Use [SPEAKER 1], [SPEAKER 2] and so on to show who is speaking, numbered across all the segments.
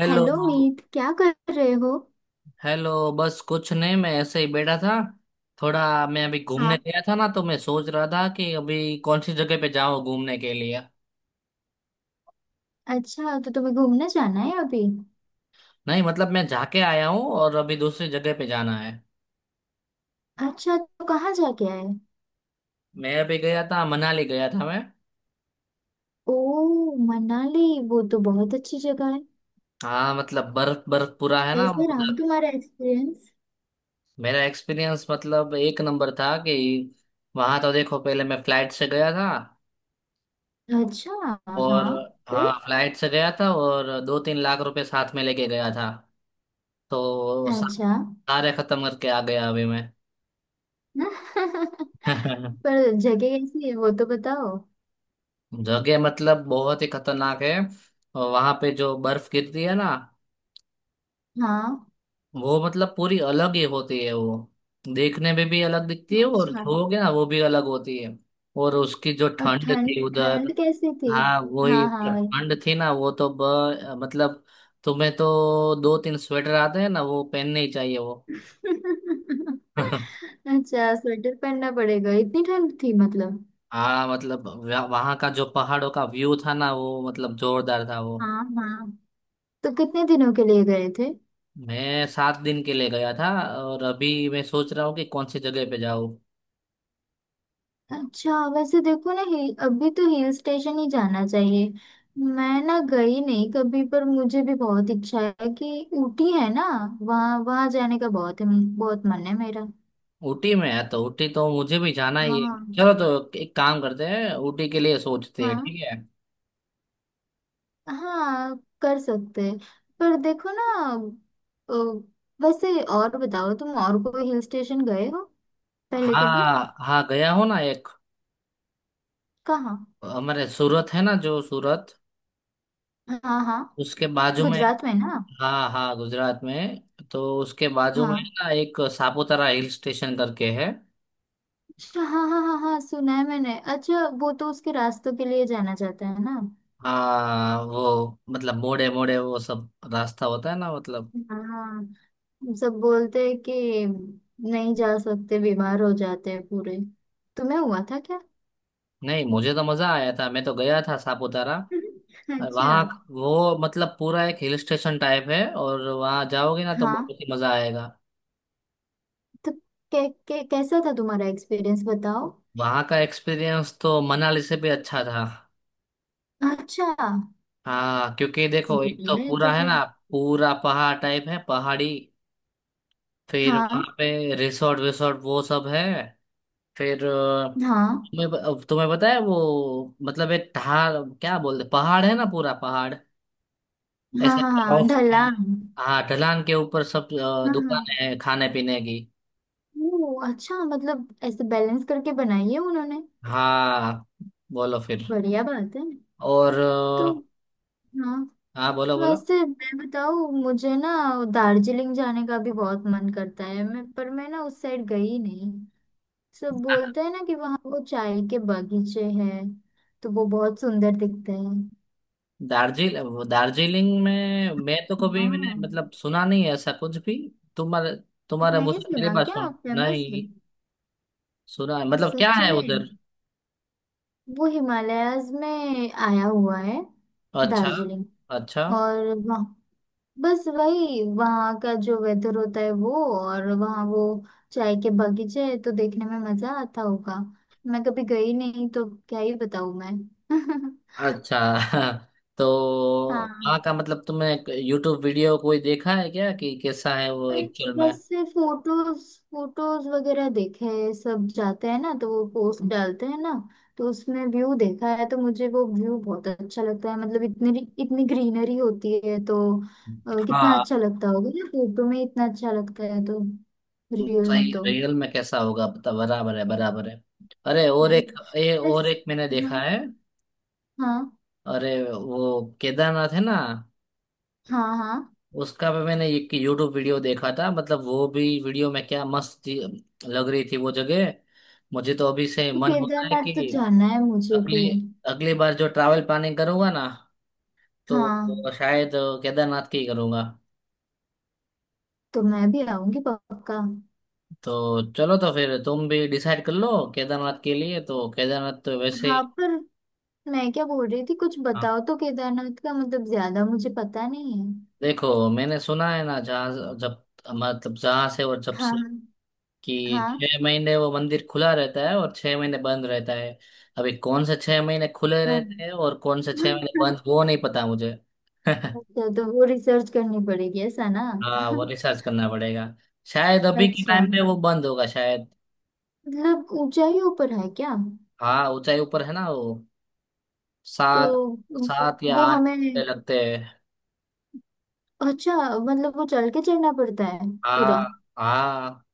[SPEAKER 1] Hello.
[SPEAKER 2] Hello Meet क्या कर रहे हो।
[SPEAKER 1] हेलो, बस कुछ नहीं, मैं ऐसे ही बैठा था थोड़ा। मैं अभी घूमने
[SPEAKER 2] हाँ।
[SPEAKER 1] गया था ना, तो मैं सोच रहा था कि अभी कौन सी जगह पे जाऊं घूमने के लिए।
[SPEAKER 2] अच्छा तो तुम्हें घूमने जाना है अभी।
[SPEAKER 1] नहीं मतलब, मैं जाके आया हूँ और अभी दूसरी जगह पे जाना है।
[SPEAKER 2] अच्छा तो कहाँ जाके आए।
[SPEAKER 1] मैं अभी गया था, मनाली गया था मैं।
[SPEAKER 2] ओ मनाली वो तो बहुत अच्छी जगह है।
[SPEAKER 1] हाँ मतलब बर्फ बर्फ पूरा है ना
[SPEAKER 2] कैसे रहा
[SPEAKER 1] उधर।
[SPEAKER 2] तुम्हारा एक्सपीरियंस।
[SPEAKER 1] मेरा एक्सपीरियंस मतलब एक नंबर था कि वहां तो देखो, पहले मैं फ्लाइट से गया था।
[SPEAKER 2] अच्छा।
[SPEAKER 1] और
[SPEAKER 2] हाँ। फिर।
[SPEAKER 1] हाँ, फ्लाइट से गया था और 2-3 लाख रुपए साथ में लेके गया था। तो
[SPEAKER 2] अच्छा।
[SPEAKER 1] सारे खत्म करके आ गया अभी मैं।
[SPEAKER 2] पर जगह कैसी है वो तो बताओ।
[SPEAKER 1] जगह मतलब बहुत ही खतरनाक है। और वहां पे जो बर्फ गिरती है ना,
[SPEAKER 2] हाँ।
[SPEAKER 1] वो मतलब पूरी अलग ही होती है वो। देखने में भी अलग दिखती है और
[SPEAKER 2] अच्छा।
[SPEAKER 1] छूओगे ना वो भी अलग होती है। और उसकी जो
[SPEAKER 2] और
[SPEAKER 1] ठंड थी
[SPEAKER 2] ठंड
[SPEAKER 1] उधर,
[SPEAKER 2] ठंड कैसी थी।
[SPEAKER 1] हाँ वही
[SPEAKER 2] हाँ हाँ भाई।
[SPEAKER 1] ठंड थी ना वो तो मतलब तुम्हें तो 2-3 स्वेटर आते हैं ना, वो पहनने ही चाहिए वो।
[SPEAKER 2] अच्छा स्वेटर पहनना पड़ेगा इतनी ठंड थी मतलब।
[SPEAKER 1] हाँ मतलब वहाँ का जो पहाड़ों का व्यू था ना, वो मतलब जोरदार था वो।
[SPEAKER 2] हाँ। हाँ तो कितने दिनों के लिए गए थे।
[SPEAKER 1] मैं 7 दिन के लिए गया था और अभी मैं सोच रहा हूँ कि कौन सी जगह पे जाऊँ।
[SPEAKER 2] अच्छा वैसे देखो ना हिल अभी तो हिल स्टेशन ही जाना चाहिए। मैं ना गई नहीं कभी पर मुझे भी बहुत इच्छा है कि ऊटी है ना। वहाँ वहाँ जाने का बहुत बहुत मन है मेरा।
[SPEAKER 1] ऊटी में है तो ऊटी तो मुझे भी जाना ही है।
[SPEAKER 2] हाँ।
[SPEAKER 1] चलो तो एक काम करते हैं, ऊटी के लिए सोचते हैं,
[SPEAKER 2] हाँ
[SPEAKER 1] ठीक है।
[SPEAKER 2] हाँ कर सकते हैं। पर देखो ना अ, वैसे और बताओ तुम और कोई हिल स्टेशन गए हो पहले कभी।
[SPEAKER 1] हाँ हाँ, गया हो ना एक।
[SPEAKER 2] कहाँ।
[SPEAKER 1] हमारे सूरत है ना, जो सूरत
[SPEAKER 2] हाँ हाँ
[SPEAKER 1] उसके बाजू में।
[SPEAKER 2] गुजरात में ना।
[SPEAKER 1] हाँ हाँ, गुजरात में। तो उसके बाजू में
[SPEAKER 2] हाँ।
[SPEAKER 1] ना एक सापुतारा हिल स्टेशन करके है।
[SPEAKER 2] अच्छा हाँ हाँ हाँ हाँ सुना है मैंने। अच्छा वो तो उसके रास्तों के लिए जाना चाहता है ना।
[SPEAKER 1] हाँ, वो मतलब मोड़े मोड़े वो सब रास्ता होता है ना, मतलब।
[SPEAKER 2] हाँ। सब बोलते हैं कि नहीं जा सकते बीमार हो जाते हैं पूरे। तुम्हें हुआ था क्या।
[SPEAKER 1] नहीं, मुझे तो मजा आया था, मैं तो गया था सापुतारा
[SPEAKER 2] अच्छा।
[SPEAKER 1] वहाँ। वो मतलब पूरा एक हिल स्टेशन टाइप है और वहाँ जाओगे ना तो
[SPEAKER 2] हाँ
[SPEAKER 1] बहुत ही मजा आएगा।
[SPEAKER 2] तो कै, कै, कैसा था तुम्हारा एक्सपीरियंस बताओ।
[SPEAKER 1] वहाँ का एक्सपीरियंस तो मनाली से भी अच्छा था।
[SPEAKER 2] अच्छा।
[SPEAKER 1] हाँ क्योंकि देखो, एक तो
[SPEAKER 2] ये तो
[SPEAKER 1] पूरा है
[SPEAKER 2] फिर।
[SPEAKER 1] ना, पूरा पहाड़ टाइप है, पहाड़ी। फिर
[SPEAKER 2] हाँ
[SPEAKER 1] वहाँ पे रिसोर्ट विसोर्ट वो सब है। फिर
[SPEAKER 2] हाँ
[SPEAKER 1] तुम्हें तुम्हें पता है वो मतलब एक ढाल क्या बोलते, पहाड़ है ना पूरा पहाड़।
[SPEAKER 2] हाँ
[SPEAKER 1] ऐसे
[SPEAKER 2] हाँ
[SPEAKER 1] ढलान
[SPEAKER 2] हाँ
[SPEAKER 1] के-
[SPEAKER 2] ढलान।
[SPEAKER 1] हाँ, ढलान के ऊपर सब
[SPEAKER 2] हाँ हाँ।
[SPEAKER 1] दुकानें हैं खाने पीने की।
[SPEAKER 2] ओ अच्छा मतलब ऐसे बैलेंस करके बनाई है उन्होंने।
[SPEAKER 1] हाँ बोलो फिर।
[SPEAKER 2] बढ़िया बात है।
[SPEAKER 1] और
[SPEAKER 2] तो हाँ
[SPEAKER 1] हाँ बोलो बोलो।
[SPEAKER 2] वैसे मैं बताऊँ मुझे ना दार्जिलिंग जाने का भी बहुत मन करता है मैं पर मैं ना उस साइड गई नहीं। सब बोलते हैं ना कि वहाँ वो चाय के बागीचे हैं तो वो बहुत सुंदर दिखते हैं।
[SPEAKER 1] दार्जिल वो दार्जिलिंग में मैं तो कभी मैंने
[SPEAKER 2] हाँ।
[SPEAKER 1] मतलब सुना नहीं है ऐसा कुछ भी। तुम्हारे तुम्हारे
[SPEAKER 2] नहीं
[SPEAKER 1] मुझसे पहली
[SPEAKER 2] सुना
[SPEAKER 1] बार
[SPEAKER 2] क्या
[SPEAKER 1] सुन
[SPEAKER 2] फेमस
[SPEAKER 1] नहीं
[SPEAKER 2] है।
[SPEAKER 1] सुना है मतलब क्या
[SPEAKER 2] सच
[SPEAKER 1] है
[SPEAKER 2] में
[SPEAKER 1] उधर
[SPEAKER 2] वो हिमालयाज में आया हुआ है
[SPEAKER 1] अच्छा
[SPEAKER 2] दार्जिलिंग।
[SPEAKER 1] अच्छा
[SPEAKER 2] और वहाँ बस वही वहाँ का जो वेदर होता है वो। और वहाँ वो चाय के बगीचे है तो देखने में मजा आता होगा। मैं कभी गई नहीं तो क्या ही बताऊँ मैं।
[SPEAKER 1] अच्छा तो वहाँ
[SPEAKER 2] हाँ
[SPEAKER 1] का मतलब तुमने यूट्यूब वीडियो कोई देखा है क्या कि कैसा है वो
[SPEAKER 2] पर
[SPEAKER 1] एक्चुअल में
[SPEAKER 2] वैसे फोटोज फोटोज वगैरह देखे हैं, सब जाते हैं ना तो वो पोस्ट डालते हैं ना। तो उसमें व्यू देखा है तो मुझे वो व्यू बहुत अच्छा लगता है मतलब इतनी इतनी ग्रीनरी होती है तो कितना
[SPEAKER 1] हाँ
[SPEAKER 2] अच्छा लगता होगा ना फोटो में इतना अच्छा लगता है तो रियल में
[SPEAKER 1] सही
[SPEAKER 2] तो
[SPEAKER 1] रियल में कैसा होगा बता बराबर है अरे और
[SPEAKER 2] फिर
[SPEAKER 1] एक ये और
[SPEAKER 2] बस,
[SPEAKER 1] एक मैंने देखा
[SPEAKER 2] हाँ।
[SPEAKER 1] है।
[SPEAKER 2] हाँ
[SPEAKER 1] अरे वो केदारनाथ है ना,
[SPEAKER 2] हाँ हाँ
[SPEAKER 1] उसका भी मैंने एक यूट्यूब वीडियो देखा था, मतलब वो भी वीडियो में क्या लग रही थी वो जगह। मुझे तो अभी से
[SPEAKER 2] तो
[SPEAKER 1] मन हो रहा है
[SPEAKER 2] केदारनाथ तो
[SPEAKER 1] कि
[SPEAKER 2] जाना है मुझे भी।
[SPEAKER 1] अगली अगली बार जो ट्रैवल प्लानिंग करूंगा ना, तो
[SPEAKER 2] हाँ।
[SPEAKER 1] शायद केदारनाथ की ही करूंगा।
[SPEAKER 2] तो मैं भी आऊंगी पक्का।
[SPEAKER 1] तो चलो तो फिर तुम भी डिसाइड कर लो केदारनाथ के लिए, तो केदारनाथ तो वैसे
[SPEAKER 2] हाँ पर मैं क्या बोल रही थी कुछ
[SPEAKER 1] हाँ।
[SPEAKER 2] बताओ तो केदारनाथ का मतलब ज्यादा मुझे पता नहीं है।
[SPEAKER 1] देखो मैंने सुना है ना, जहाँ जब मतलब जहाँ से और जब से
[SPEAKER 2] हाँ
[SPEAKER 1] कि
[SPEAKER 2] हाँ
[SPEAKER 1] 6 महीने वो मंदिर खुला रहता है और 6 महीने बंद रहता है। अभी कौन से 6 महीने खुले
[SPEAKER 2] हाँ
[SPEAKER 1] रहते हैं और कौन से छह
[SPEAKER 2] हाँ।
[SPEAKER 1] महीने बंद, वो नहीं पता मुझे।
[SPEAKER 2] अच्छा तो वो रिसर्च करनी पड़ेगी ऐसा ना।
[SPEAKER 1] हाँ, वो रिसर्च करना पड़ेगा। शायद अभी के
[SPEAKER 2] अच्छा
[SPEAKER 1] टाइम पे वो बंद होगा शायद।
[SPEAKER 2] मतलब ऊंचाइयों पर है क्या।
[SPEAKER 1] हाँ, ऊंचाई ऊपर है ना वो। सात
[SPEAKER 2] तो
[SPEAKER 1] सात या
[SPEAKER 2] वो
[SPEAKER 1] आठ
[SPEAKER 2] हमें
[SPEAKER 1] घंटे लगते हैं।
[SPEAKER 2] अच्छा मतलब वो चल के चलना पड़ता है पूरा।
[SPEAKER 1] हाँ। हाँ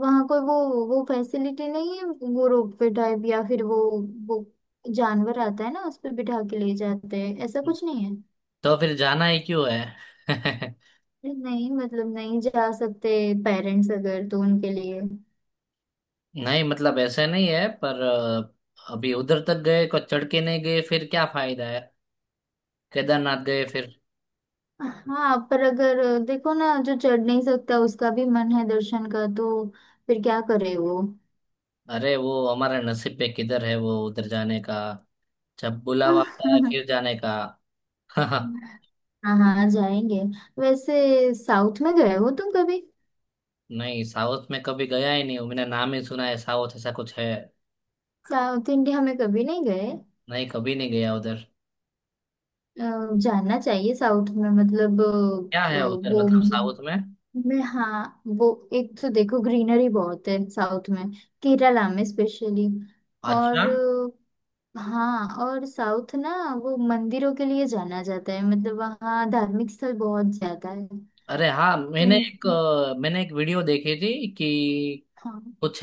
[SPEAKER 2] वहां कोई वो फैसिलिटी नहीं है। वो रोप वे टाइप या फिर वो जानवर आता है ना उस पे बिठा के ले जाते हैं ऐसा कुछ नहीं है।
[SPEAKER 1] तो फिर जाना ही क्यों है।
[SPEAKER 2] अरे नहीं मतलब नहीं जा सकते पेरेंट्स अगर तो उनके लिए।
[SPEAKER 1] नहीं मतलब ऐसे नहीं है पर अभी उधर तक गए को चढ़ के नहीं गए फिर क्या फायदा है, केदारनाथ गए फिर।
[SPEAKER 2] हाँ पर अगर देखो ना जो चढ़ नहीं सकता उसका भी मन है दर्शन का तो फिर क्या करे वो।
[SPEAKER 1] अरे, वो हमारा नसीब पे किधर है वो उधर जाने का, जब बुलावा आता है फिर जाने का।
[SPEAKER 2] हाँ हाँ जाएंगे। वैसे साउथ में गए हो तुम कभी।
[SPEAKER 1] नहीं, साउथ में कभी गया ही नहीं हूँ। मैंने नाम ही सुना है, साउथ ऐसा कुछ है।
[SPEAKER 2] साउथ इंडिया में कभी नहीं गए।
[SPEAKER 1] नहीं कभी नहीं गया उधर।
[SPEAKER 2] अ, जाना चाहिए साउथ में मतलब
[SPEAKER 1] क्या है उधर
[SPEAKER 2] वो
[SPEAKER 1] मतलब साउथ में।
[SPEAKER 2] में हाँ वो एक तो देखो ग्रीनरी बहुत है साउथ में। केरला में स्पेशली।
[SPEAKER 1] अच्छा।
[SPEAKER 2] और हाँ और साउथ ना वो मंदिरों के लिए जाना जाता है मतलब वहाँ धार्मिक स्थल बहुत ज्यादा है।
[SPEAKER 1] अरे हाँ, मैंने
[SPEAKER 2] तुम।
[SPEAKER 1] एक मैंने एक वीडियो देखी थी कि
[SPEAKER 2] हाँ
[SPEAKER 1] कुछ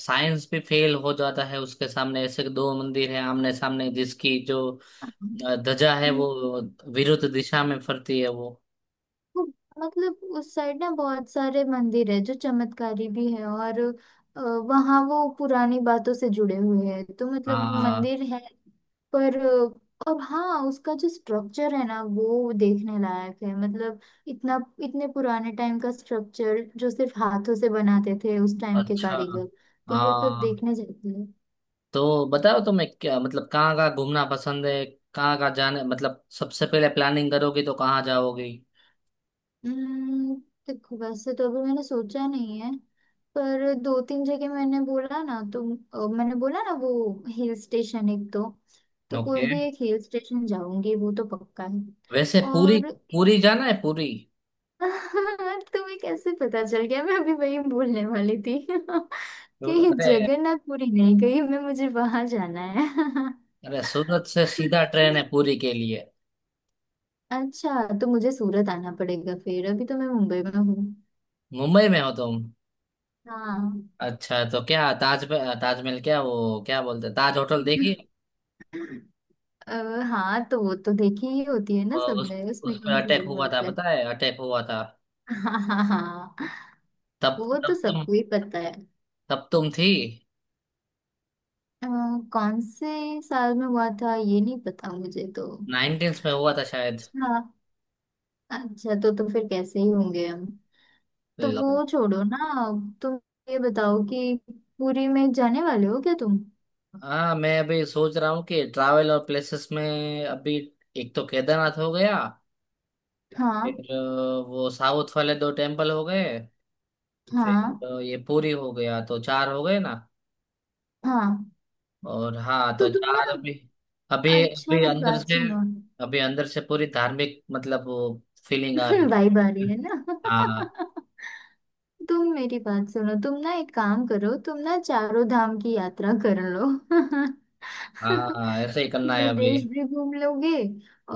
[SPEAKER 1] साइंस भी फेल हो जाता है उसके सामने, ऐसे 2 मंदिर है आमने सामने जिसकी जो ध्वजा है वो विरुद्ध दिशा में फरती है वो।
[SPEAKER 2] मतलब उस साइड ना बहुत सारे मंदिर है जो चमत्कारी भी है और वहाँ वो पुरानी बातों से जुड़े हुए हैं तो मतलब
[SPEAKER 1] हाँ।
[SPEAKER 2] मंदिर है। पर और हाँ उसका जो स्ट्रक्चर है ना वो देखने लायक है मतलब इतना इतने पुराने टाइम का स्ट्रक्चर जो सिर्फ हाथों से बनाते थे उस टाइम के
[SPEAKER 1] अच्छा।
[SPEAKER 2] कारीगर। तो वो सब
[SPEAKER 1] हाँ
[SPEAKER 2] देखने जाते हैं।
[SPEAKER 1] तो बताओ, तुम्हें क्या मतलब कहाँ कहाँ घूमना पसंद है, कहाँ कहाँ जाने मतलब सबसे पहले प्लानिंग करोगी तो कहाँ जाओगी।
[SPEAKER 2] हम्म, देखो वैसे तो अभी मैंने सोचा नहीं है पर दो तीन जगह मैंने बोला ना तो मैंने बोला ना वो हिल स्टेशन एक दो तो कोई
[SPEAKER 1] ओके।
[SPEAKER 2] भी एक हिल स्टेशन जाऊंगी वो तो पक्का है।
[SPEAKER 1] वैसे पूरी
[SPEAKER 2] और
[SPEAKER 1] पूरी जाना है पूरी।
[SPEAKER 2] तुम्हें कैसे पता चल गया मैं अभी वही बोलने वाली थी। कि
[SPEAKER 1] अरे,
[SPEAKER 2] जगन्नाथपुरी नहीं गई मैं मुझे वहां जाना है।
[SPEAKER 1] अरे सूरत से सीधा ट्रेन है पूरी के लिए।
[SPEAKER 2] अच्छा तो मुझे सूरत आना पड़ेगा फिर अभी तो मैं मुंबई में हूँ।
[SPEAKER 1] मुंबई में हो तुम।
[SPEAKER 2] हाँ।
[SPEAKER 1] अच्छा तो क्या ताज, ताजमहल क्या वो क्या बोलते हैं, ताज होटल देखी।
[SPEAKER 2] अ, हाँ तो वो तो देखी ही होती है
[SPEAKER 1] अ,
[SPEAKER 2] ना
[SPEAKER 1] उस
[SPEAKER 2] सबने
[SPEAKER 1] उस
[SPEAKER 2] उसमें
[SPEAKER 1] पर
[SPEAKER 2] कौन सी
[SPEAKER 1] अटैक
[SPEAKER 2] बड़ी
[SPEAKER 1] हुआ था,
[SPEAKER 2] बात है।
[SPEAKER 1] पता है अटैक हुआ था।
[SPEAKER 2] हाँ हाँ हाँ
[SPEAKER 1] तब
[SPEAKER 2] वो तो सबको ही पता है।
[SPEAKER 1] तब तुम थी।
[SPEAKER 2] अ, कौन से साल में हुआ था ये नहीं पता मुझे तो।
[SPEAKER 1] नाइनटीन्स में हुआ था शायद।
[SPEAKER 2] हाँ। अच्छा तो फिर कैसे ही होंगे हम। तो
[SPEAKER 1] लो।
[SPEAKER 2] वो छोड़ो ना तुम ये बताओ कि पुरी में जाने वाले हो क्या तुम।
[SPEAKER 1] हाँ मैं अभी सोच रहा हूँ कि ट्रैवल और प्लेसेस में, अभी एक तो केदारनाथ हो गया,
[SPEAKER 2] हाँ।
[SPEAKER 1] फिर वो साउथ वाले 2 टेम्पल हो गए, फिर
[SPEAKER 2] हाँ।
[SPEAKER 1] ये पूरी हो गया, तो चार हो गए ना।
[SPEAKER 2] हाँ
[SPEAKER 1] और हाँ, तो
[SPEAKER 2] तो तुम ना
[SPEAKER 1] चार अभी अभी
[SPEAKER 2] अच्छा मेरी बात सुनो।
[SPEAKER 1] अभी अंदर से पूरी धार्मिक मतलब वो फीलिंग आ रही
[SPEAKER 2] भाई बारी
[SPEAKER 1] है।
[SPEAKER 2] है ना।
[SPEAKER 1] हाँ।
[SPEAKER 2] तुम मेरी बात सुनो तुम ना एक काम करो तुम ना चारों धाम की यात्रा कर लो।
[SPEAKER 1] हाँ ऐसे ही करना
[SPEAKER 2] पूरा
[SPEAKER 1] है अभी।
[SPEAKER 2] देश भी घूम लोगे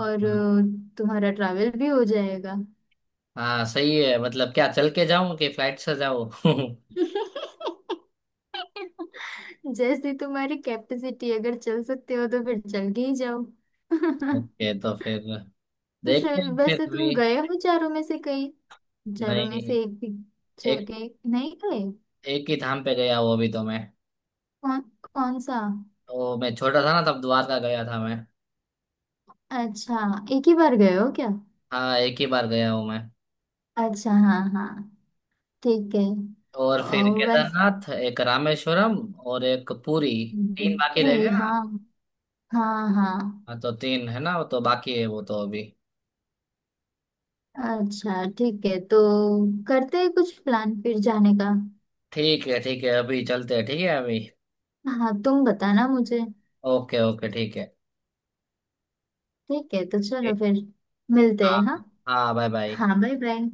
[SPEAKER 2] और तुम्हारा ट्रैवल भी हो जाएगा।
[SPEAKER 1] हाँ सही है, मतलब क्या चल के जाऊं कि फ्लाइट से जाऊं।
[SPEAKER 2] जैसी तुम्हारी कैपेसिटी अगर चल सकते हो तो फिर चल के ही जाओ। तो
[SPEAKER 1] ओके तो फिर देखते हैं फिर
[SPEAKER 2] वैसे तुम
[SPEAKER 1] भी।
[SPEAKER 2] गए हो चारों में से कहीं। चारों में
[SPEAKER 1] नहीं।
[SPEAKER 2] से एक भी
[SPEAKER 1] एक
[SPEAKER 2] जगह नहीं गए।
[SPEAKER 1] एक ही धाम पे गया हूँ अभी तो मैं।
[SPEAKER 2] कौन कौन सा।
[SPEAKER 1] तो मैं छोटा था ना तब द्वारका गया था मैं।
[SPEAKER 2] अच्छा एक ही बार गए हो क्या।
[SPEAKER 1] हाँ, एक ही बार गया हूँ मैं।
[SPEAKER 2] अच्छा हाँ हाँ ठीक है।
[SPEAKER 1] और फिर
[SPEAKER 2] और वैस
[SPEAKER 1] केदारनाथ, एक रामेश्वरम और एक पुरी, तीन बाकी
[SPEAKER 2] भोजपुरी
[SPEAKER 1] रह गए ना।
[SPEAKER 2] हाँ। हाँ हाँ
[SPEAKER 1] हाँ तो तीन है ना, वो तो बाकी है वो तो अभी।
[SPEAKER 2] अच्छा ठीक है तो करते हैं कुछ प्लान फिर जाने का।
[SPEAKER 1] ठीक है ठीक है, अभी चलते हैं, ठीक है अभी।
[SPEAKER 2] हाँ तुम बताना मुझे।
[SPEAKER 1] ओके ओके, ठीक है।
[SPEAKER 2] ठीक है तो चलो फिर मिलते
[SPEAKER 1] हाँ।
[SPEAKER 2] हैं हाँ।
[SPEAKER 1] हाँ बाय बाय।
[SPEAKER 2] हाँ बाय बाय।